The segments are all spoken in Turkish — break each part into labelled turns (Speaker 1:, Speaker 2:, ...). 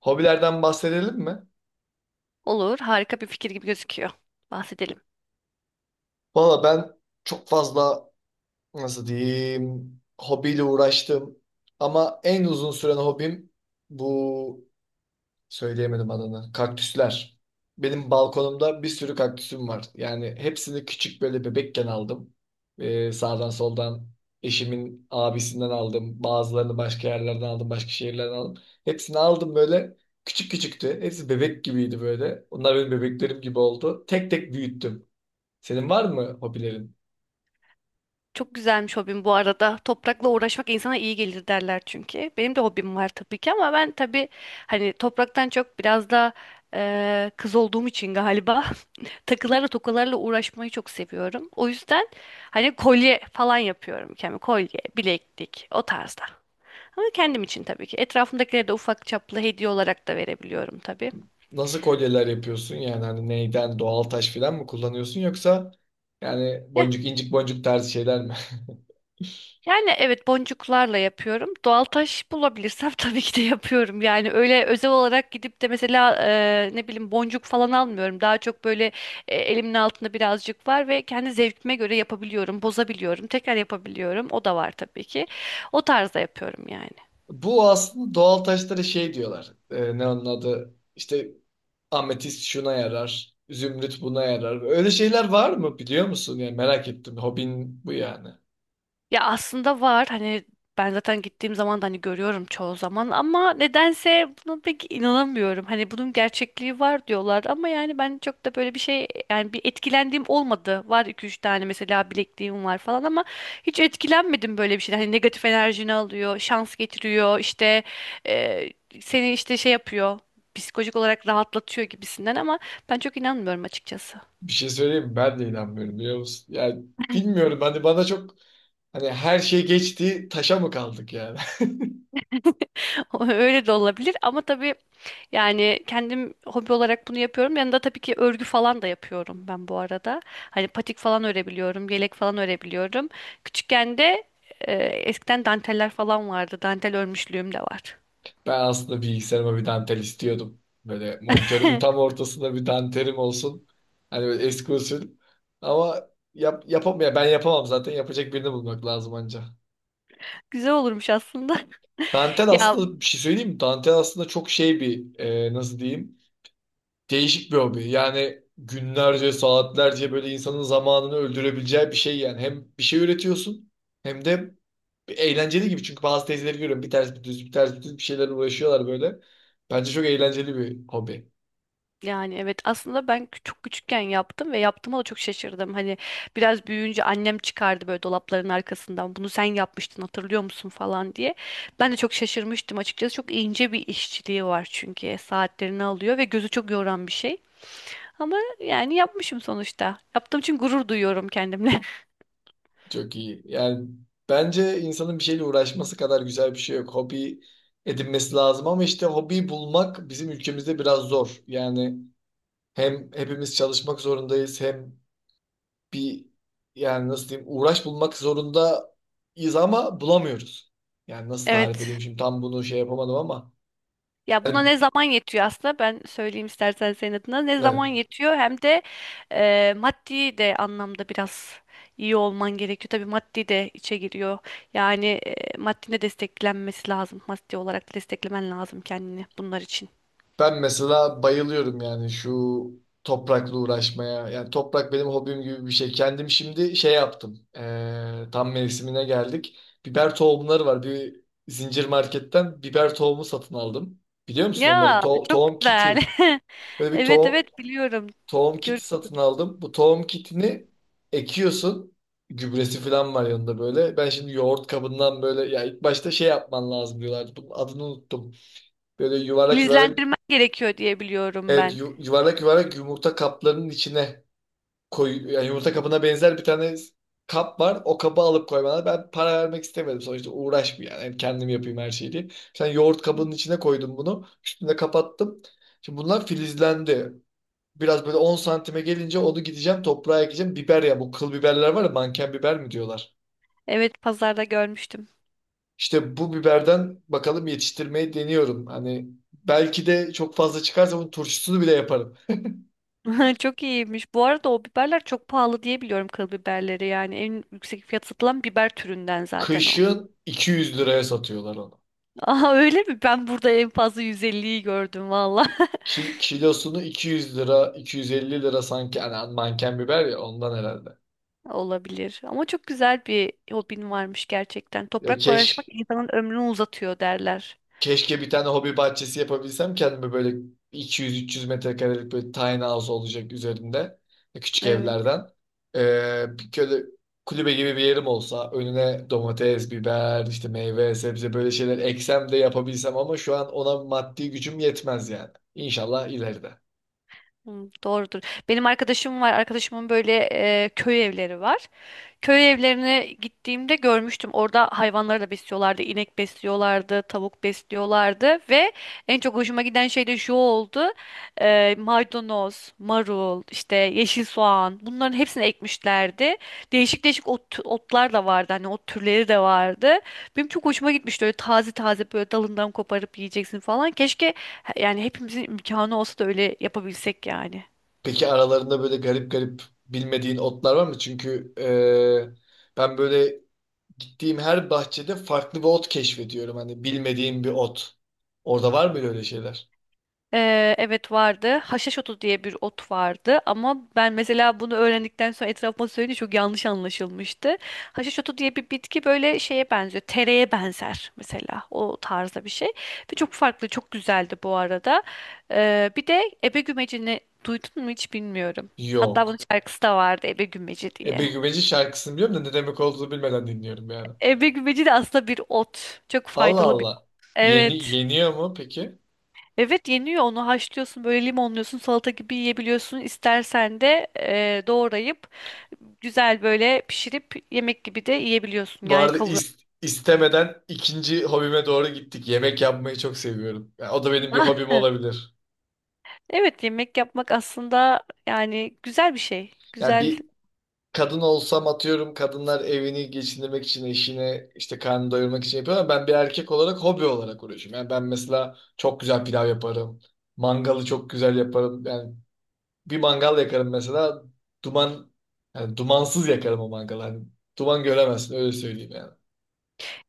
Speaker 1: Hobilerden bahsedelim mi?
Speaker 2: Olur, harika bir fikir gibi gözüküyor. Bahsedelim.
Speaker 1: Valla ben çok fazla nasıl diyeyim hobiyle uğraştım. Ama en uzun süren hobim bu söyleyemedim adını. Kaktüsler. Benim balkonumda bir sürü kaktüsüm var. Yani hepsini küçük böyle bebekken aldım. Sağdan soldan eşimin abisinden aldım. Bazılarını başka yerlerden aldım. Başka şehirlerden aldım. Hepsini aldım böyle. Küçük küçüktü. Hepsi bebek gibiydi böyle. Onlar benim bebeklerim gibi oldu. Tek tek büyüttüm. Senin var mı hobilerin?
Speaker 2: Çok güzelmiş hobim bu arada. Toprakla uğraşmak insana iyi gelir derler çünkü. Benim de hobim var tabii ki, ama ben tabii hani topraktan çok biraz da kız olduğum için galiba takılarla tokalarla uğraşmayı çok seviyorum. O yüzden hani kolye falan yapıyorum kendime. Kolye, bileklik o tarzda. Ama kendim için tabii ki. Etrafımdakilere de ufak çaplı hediye olarak da verebiliyorum tabii.
Speaker 1: Nasıl kolyeler yapıyorsun? Yani hani neyden doğal taş falan mı kullanıyorsun yoksa yani boncuk incik boncuk tarzı şeyler mi?
Speaker 2: Yani evet, boncuklarla yapıyorum. Doğal taş bulabilirsem tabii ki de yapıyorum. Yani öyle özel olarak gidip de mesela ne bileyim boncuk falan almıyorum. Daha çok böyle elimin altında birazcık var ve kendi zevkime göre yapabiliyorum, bozabiliyorum, tekrar yapabiliyorum. O da var tabii ki. O tarzda yapıyorum yani.
Speaker 1: Bu aslında doğal taşlara şey diyorlar. Ne onun adı? İşte ametist şuna yarar, zümrüt buna yarar. Öyle şeyler var mı biliyor musun? Yani merak ettim. Hobin bu yani.
Speaker 2: Ya aslında var hani, ben zaten gittiğim zaman da hani görüyorum çoğu zaman ama nedense buna pek inanamıyorum. Hani bunun gerçekliği var diyorlar ama yani ben çok da böyle bir şey, yani bir etkilendiğim olmadı. Var iki üç tane mesela bilekliğim var falan ama hiç etkilenmedim böyle bir şeyden. Hani negatif enerjini alıyor, şans getiriyor, işte e, seni işte şey yapıyor, psikolojik olarak rahatlatıyor gibisinden, ama ben çok inanmıyorum açıkçası.
Speaker 1: Bir şey söyleyeyim mi? Ben de inanmıyorum biliyor musun? Yani bilmiyorum hani bana çok, hani her şey geçti taşa mı kaldık yani?
Speaker 2: Öyle de olabilir ama tabii. Yani kendim hobi olarak bunu yapıyorum. Yanında tabii ki örgü falan da yapıyorum ben bu arada. Hani patik falan örebiliyorum, yelek falan örebiliyorum. Küçükken de eskiden danteller falan vardı. Dantel örmüşlüğüm de var.
Speaker 1: Ben aslında bilgisayarıma bir dantel istiyordum. Böyle monitörümün tam ortasında bir dantelim olsun. Hani böyle eski usul. Ama yapamam ya, ben yapamam zaten, yapacak birini bulmak lazım anca.
Speaker 2: Güzel olurmuş aslında.
Speaker 1: Dantel
Speaker 2: Ya,
Speaker 1: aslında, bir şey söyleyeyim mi? Dantel aslında çok şey bir, nasıl diyeyim? Değişik bir hobi. Yani günlerce, saatlerce böyle insanın zamanını öldürebileceği bir şey yani. Hem bir şey üretiyorsun hem de eğlenceli gibi. Çünkü bazı teyzeleri görüyorum. Bir ters bir düz, bir ters bir düz bir şeyler uğraşıyorlar böyle. Bence çok eğlenceli bir hobi.
Speaker 2: yani evet, aslında ben çok küçükken yaptım ve yaptığıma da çok şaşırdım. Hani biraz büyüyünce annem çıkardı böyle dolapların arkasından, "Bunu sen yapmıştın, hatırlıyor musun?" falan diye. Ben de çok şaşırmıştım açıkçası. Çok ince bir işçiliği var çünkü, saatlerini alıyor ve gözü çok yoran bir şey. Ama yani yapmışım sonuçta. Yaptığım için gurur duyuyorum kendimle.
Speaker 1: Çok iyi. Yani bence insanın bir şeyle uğraşması kadar güzel bir şey yok. Hobi edinmesi lazım ama işte hobiyi bulmak bizim ülkemizde biraz zor. Yani hem hepimiz çalışmak zorundayız hem bir, yani nasıl diyeyim, uğraş bulmak zorundayız ama bulamıyoruz. Yani nasıl tarif edeyim
Speaker 2: Evet.
Speaker 1: şimdi, tam bunu şey yapamadım ama
Speaker 2: Ya buna
Speaker 1: ben,
Speaker 2: ne zaman yetiyor aslında, ben söyleyeyim istersen senin adına. Ne
Speaker 1: evet.
Speaker 2: zaman yetiyor hem de maddi de anlamda biraz iyi olman gerekiyor. Tabii maddi de içe giriyor. Yani maddi de desteklenmesi lazım. Maddi olarak da desteklemen lazım kendini bunlar için.
Speaker 1: Ben mesela bayılıyorum yani şu toprakla uğraşmaya. Yani toprak benim hobim gibi bir şey. Kendim şimdi şey yaptım. Tam mevsimine geldik. Biber tohumları var. Bir zincir marketten biber tohumu satın aldım. Biliyor musun onları?
Speaker 2: Ya çok
Speaker 1: Tohum
Speaker 2: güzel.
Speaker 1: kiti. Böyle bir
Speaker 2: Evet, evet, biliyorum.
Speaker 1: tohum
Speaker 2: Gör,
Speaker 1: kiti satın aldım. Bu tohum kitini ekiyorsun. Gübresi falan var yanında böyle. Ben şimdi yoğurt kabından böyle, ya ilk başta şey yapman lazım diyorlardı. Bunun adını unuttum. Böyle yuvarlak yuvarlak
Speaker 2: izlendirmen gerekiyor diye biliyorum
Speaker 1: evet,
Speaker 2: ben.
Speaker 1: yuvarlak yuvarlak yumurta kaplarının içine koy, yani yumurta kabına benzer bir tane kap var. O kabı alıp koymana ben para vermek istemedim. Sonuçta uğraşmayayım yani, yani kendim yapayım her şeyi diye. Sen yoğurt kabının içine koydum bunu. Üstüne kapattım. Şimdi bunlar filizlendi. Biraz böyle 10 santime gelince onu gideceğim toprağa ekeceğim. Biber, ya bu kıl biberler var ya, manken biber mi diyorlar.
Speaker 2: Evet, pazarda görmüştüm.
Speaker 1: İşte bu biberden bakalım yetiştirmeyi deniyorum. Hani belki de çok fazla çıkarsa bunun turşusunu bile yaparım.
Speaker 2: Çok iyiymiş. Bu arada o biberler çok pahalı diye biliyorum, kıl biberleri. Yani en yüksek fiyat satılan biber türünden zaten o.
Speaker 1: Kışın 200 liraya satıyorlar onu.
Speaker 2: Aa, öyle mi? Ben burada en fazla 150'yi gördüm valla.
Speaker 1: Kilosunu 200 lira, 250 lira sanki. Hani manken biber ya, ondan herhalde.
Speaker 2: Olabilir. Ama çok güzel bir hobin varmış gerçekten.
Speaker 1: Ya,
Speaker 2: Toprakla uğraşmak insanın ömrünü uzatıyor derler.
Speaker 1: Keşke bir tane hobi bahçesi yapabilsem kendime, böyle 200-300 metrekarelik, böyle tiny house olacak üzerinde. Küçük
Speaker 2: Evet.
Speaker 1: evlerden. Bir böyle kulübe gibi bir yerim olsa, önüne domates, biber, işte meyve, sebze böyle şeyler eksem de yapabilsem, ama şu an ona maddi gücüm yetmez yani. İnşallah ileride.
Speaker 2: Hı, doğrudur. Benim arkadaşım var. Arkadaşımın böyle köy evleri var. Köy evlerine gittiğimde görmüştüm. Orada hayvanları da besliyorlardı. İnek besliyorlardı, tavuk besliyorlardı ve en çok hoşuma giden şey de şu oldu. Maydanoz, marul, işte yeşil soğan, bunların hepsini ekmişlerdi. Değişik değişik ot, otlar da vardı. Hani ot türleri de vardı. Benim çok hoşuma gitmişti. Öyle taze taze böyle dalından koparıp yiyeceksin falan. Keşke yani hepimizin imkanı olsa da öyle yapabilsek yani.
Speaker 1: Peki aralarında böyle garip garip bilmediğin otlar var mı? Çünkü ben böyle gittiğim her bahçede farklı bir ot keşfediyorum. Hani bilmediğim bir ot. Orada var mı öyle şeyler?
Speaker 2: Evet, vardı. Haşhaş otu diye bir ot vardı ama ben mesela bunu öğrendikten sonra etrafıma söyleyince çok yanlış anlaşılmıştı. Haşhaş otu diye bir bitki böyle şeye benziyor. Tereye benzer mesela, o tarzda bir şey. Ve çok farklı, çok güzeldi bu arada. Bir de ebe gümecini duydun mu, hiç bilmiyorum. Hatta bunun
Speaker 1: Yok.
Speaker 2: şarkısı da vardı, ebe gümeci
Speaker 1: Ebe
Speaker 2: diye.
Speaker 1: Güveci şarkısını biliyorum da ne demek olduğunu bilmeden dinliyorum yani.
Speaker 2: Ebe gümeci de aslında bir ot. Çok
Speaker 1: Allah
Speaker 2: faydalı bir.
Speaker 1: Allah. Yeni
Speaker 2: Evet.
Speaker 1: yeniyor mu peki?
Speaker 2: Evet, yeniyor. Onu haşlıyorsun böyle, limonluyorsun, salata gibi yiyebiliyorsun. İstersen de doğrayıp güzel böyle pişirip yemek gibi de yiyebiliyorsun
Speaker 1: Bu
Speaker 2: yani,
Speaker 1: arada
Speaker 2: kavurma.
Speaker 1: istemeden ikinci hobime doğru gittik. Yemek yapmayı çok seviyorum. Yani o da benim bir hobim olabilir.
Speaker 2: Evet, yemek yapmak aslında yani güzel bir şey.
Speaker 1: Yani
Speaker 2: Güzel.
Speaker 1: bir kadın olsam, atıyorum kadınlar evini geçindirmek için eşine, işte karnını doyurmak için yapıyor, ama ben bir erkek olarak hobi olarak uğraşıyorum. Yani ben mesela çok güzel pilav yaparım. Mangalı çok güzel yaparım. Yani bir mangal yakarım mesela, duman, yani dumansız yakarım o mangalı. Hani duman göremezsin, öyle söyleyeyim yani.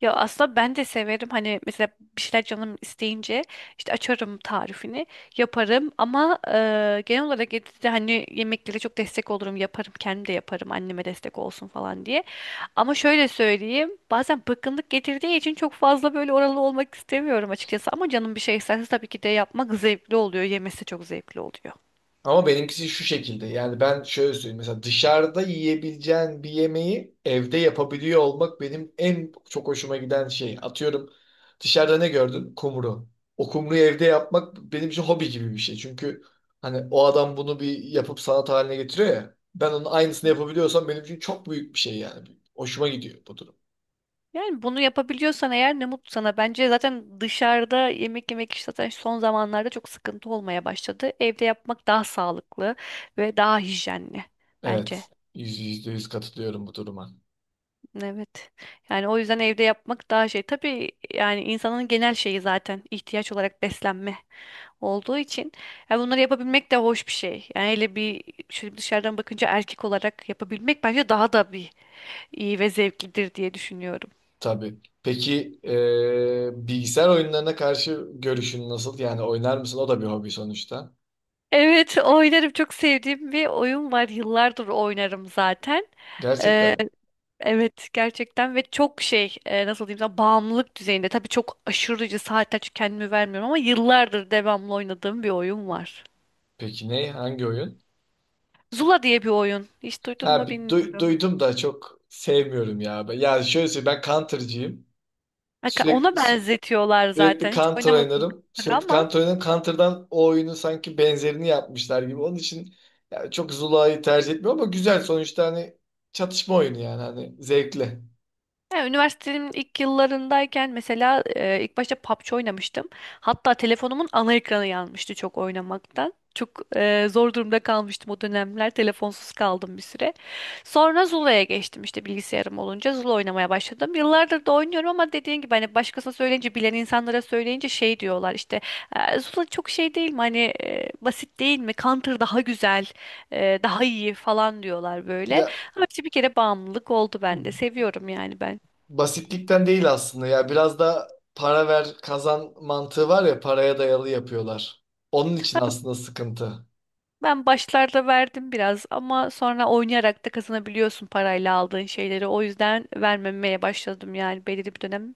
Speaker 2: Ya aslında ben de severim hani, mesela bir şeyler canım isteyince işte açarım tarifini, yaparım, ama genel olarak evde de hani yemeklere çok destek olurum, yaparım kendim de, yaparım anneme destek olsun falan diye. Ama şöyle söyleyeyim, bazen bıkkınlık getirdiği için çok fazla böyle oralı olmak istemiyorum açıkçası. Ama canım bir şey isterse tabii ki de yapmak zevkli oluyor, yemesi çok zevkli oluyor.
Speaker 1: Ama benimkisi şu şekilde. Yani ben şöyle söyleyeyim. Mesela dışarıda yiyebileceğin bir yemeği evde yapabiliyor olmak benim en çok hoşuma giden şey. Atıyorum, dışarıda ne gördün? Kumru. O kumruyu evde yapmak benim için hobi gibi bir şey. Çünkü hani o adam bunu bir yapıp sanat haline getiriyor ya. Ben onun aynısını yapabiliyorsam benim için çok büyük bir şey yani. Hoşuma gidiyor bu durum.
Speaker 2: Yani bunu yapabiliyorsan eğer ne mutlu sana. Bence zaten dışarıda yemek yemek işte zaten son zamanlarda çok sıkıntı olmaya başladı. Evde yapmak daha sağlıklı ve daha hijyenli bence.
Speaker 1: Evet. Yüzde yüz katılıyorum bu duruma.
Speaker 2: Evet. Yani o yüzden evde yapmak daha şey. Tabii yani insanın genel şeyi zaten ihtiyaç olarak beslenme olduğu için, ya bunları yapabilmek de hoş bir şey. Yani hele bir şöyle dışarıdan bakınca, erkek olarak yapabilmek bence daha da bir iyi ve zevklidir diye düşünüyorum.
Speaker 1: Tabii. Peki bilgisayar oyunlarına karşı görüşün nasıl? Yani oynar mısın? O da bir hobi sonuçta.
Speaker 2: Evet, oynarım. Çok sevdiğim bir oyun var. Yıllardır oynarım zaten.
Speaker 1: Gerçekten
Speaker 2: Ee,
Speaker 1: mi?
Speaker 2: evet, gerçekten ve çok şey, nasıl diyeyim sana, bağımlılık düzeyinde. Tabii çok aşırıcı saatler çünkü kendimi vermiyorum, ama yıllardır devamlı oynadığım bir oyun var.
Speaker 1: Peki ne? Hangi oyun?
Speaker 2: Zula diye bir oyun. Hiç duydun
Speaker 1: Ha,
Speaker 2: mu
Speaker 1: bir
Speaker 2: bilmiyorum.
Speaker 1: duydum da çok sevmiyorum ya. Ben, yani şöyle söyleyeyim, ben Counter'cıyım. Sürekli
Speaker 2: Ona
Speaker 1: sü-
Speaker 2: benzetiyorlar
Speaker 1: Sürekli
Speaker 2: zaten. Hiç
Speaker 1: Counter
Speaker 2: oynamadım
Speaker 1: oynarım. Sürekli
Speaker 2: ama.
Speaker 1: Counter oynarım. Counter'dan o oyunun sanki benzerini yapmışlar gibi. Onun için ya, çok Zula'yı tercih etmiyorum ama güzel sonuçta, hani çatışma oyunu yani, hani zevkli.
Speaker 2: Yani üniversitemin ilk yıllarındayken mesela ilk başta PUBG oynamıştım. Hatta telefonumun ana ekranı yanmıştı çok oynamaktan. Çok zor durumda kalmıştım o dönemler. Telefonsuz kaldım bir süre. Sonra Zula'ya geçtim, işte bilgisayarım olunca Zula oynamaya başladım. Yıllardır da oynuyorum ama dediğin gibi hani başkasına söyleyince, bilen insanlara söyleyince şey diyorlar, işte Zula çok şey değil mi hani, basit değil mi? Counter daha güzel, daha iyi" falan diyorlar böyle.
Speaker 1: Ya,
Speaker 2: Ama işte bir kere bağımlılık oldu bende. Seviyorum yani ben.
Speaker 1: basitlikten değil aslında, ya biraz da para ver kazan mantığı var ya, paraya dayalı yapıyorlar. Onun için aslında sıkıntı.
Speaker 2: Ben başlarda verdim biraz ama sonra oynayarak da kazanabiliyorsun parayla aldığın şeyleri. O yüzden vermemeye başladım, yani belirli bir dönem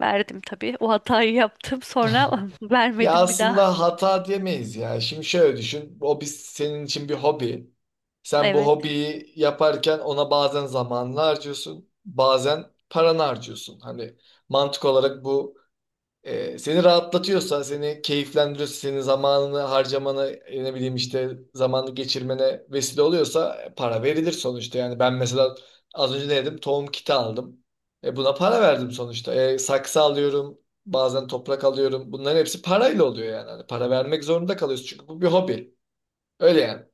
Speaker 2: verdim tabii. O hatayı yaptım, sonra
Speaker 1: Ya
Speaker 2: vermedim bir daha.
Speaker 1: aslında hata diyemeyiz ya. Şimdi şöyle düşün. O biz senin için bir hobi. Sen bu
Speaker 2: Evet.
Speaker 1: hobiyi yaparken ona bazen zamanını harcıyorsun, bazen paranı harcıyorsun. Hani mantık olarak bu, seni rahatlatıyorsa, seni keyiflendiriyorsa, senin zamanını harcamana, ne bileyim işte zamanı geçirmene vesile oluyorsa, para verilir sonuçta. Yani ben mesela az önce ne dedim? Tohum kiti aldım. Buna para verdim sonuçta. Saksı alıyorum, bazen toprak alıyorum. Bunların hepsi parayla oluyor yani. Hani para vermek zorunda kalıyorsun çünkü bu bir hobi. Öyle yani.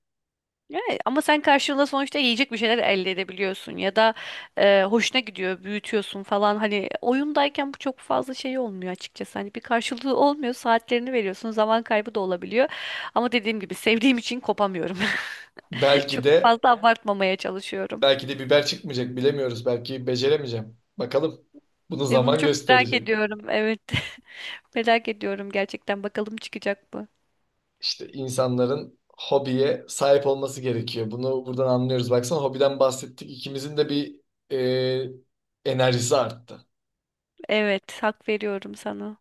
Speaker 2: Evet. Ama sen karşılığında sonuçta yiyecek bir şeyler elde edebiliyorsun ya da hoşuna gidiyor, büyütüyorsun falan. Hani oyundayken bu çok fazla şey olmuyor açıkçası. Hani bir karşılığı olmuyor, saatlerini veriyorsun, zaman kaybı da olabiliyor. Ama dediğim gibi sevdiğim için kopamıyorum.
Speaker 1: Belki
Speaker 2: Çok
Speaker 1: de
Speaker 2: fazla abartmamaya çalışıyorum.
Speaker 1: belki de biber çıkmayacak bilemiyoruz. Belki beceremeyeceğim. Bakalım. Bunu
Speaker 2: Ve bunu
Speaker 1: zaman
Speaker 2: çok merak
Speaker 1: gösterecek.
Speaker 2: ediyorum. Evet. Merak ediyorum gerçekten. Bakalım, çıkacak mı?
Speaker 1: İşte insanların hobiye sahip olması gerekiyor. Bunu buradan anlıyoruz. Baksana hobiden bahsettik. İkimizin de bir enerjisi arttı.
Speaker 2: Evet, hak veriyorum sana.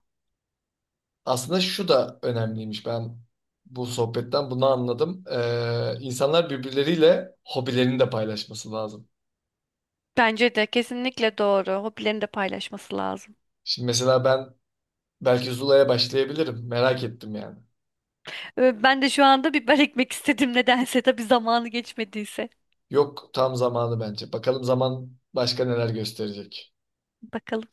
Speaker 1: Aslında şu da önemliymiş. Ben bu sohbetten bunu anladım. E, insanlar birbirleriyle hobilerini de paylaşması lazım.
Speaker 2: Bence de kesinlikle doğru. Hobilerini de paylaşması lazım.
Speaker 1: Şimdi mesela ben belki Zula'ya başlayabilirim. Merak ettim yani.
Speaker 2: Ben de şu anda biber ekmek istedim nedense. Tabii zamanı geçmediyse.
Speaker 1: Yok, tam zamanı bence. Bakalım zaman başka neler gösterecek.
Speaker 2: Bakalım.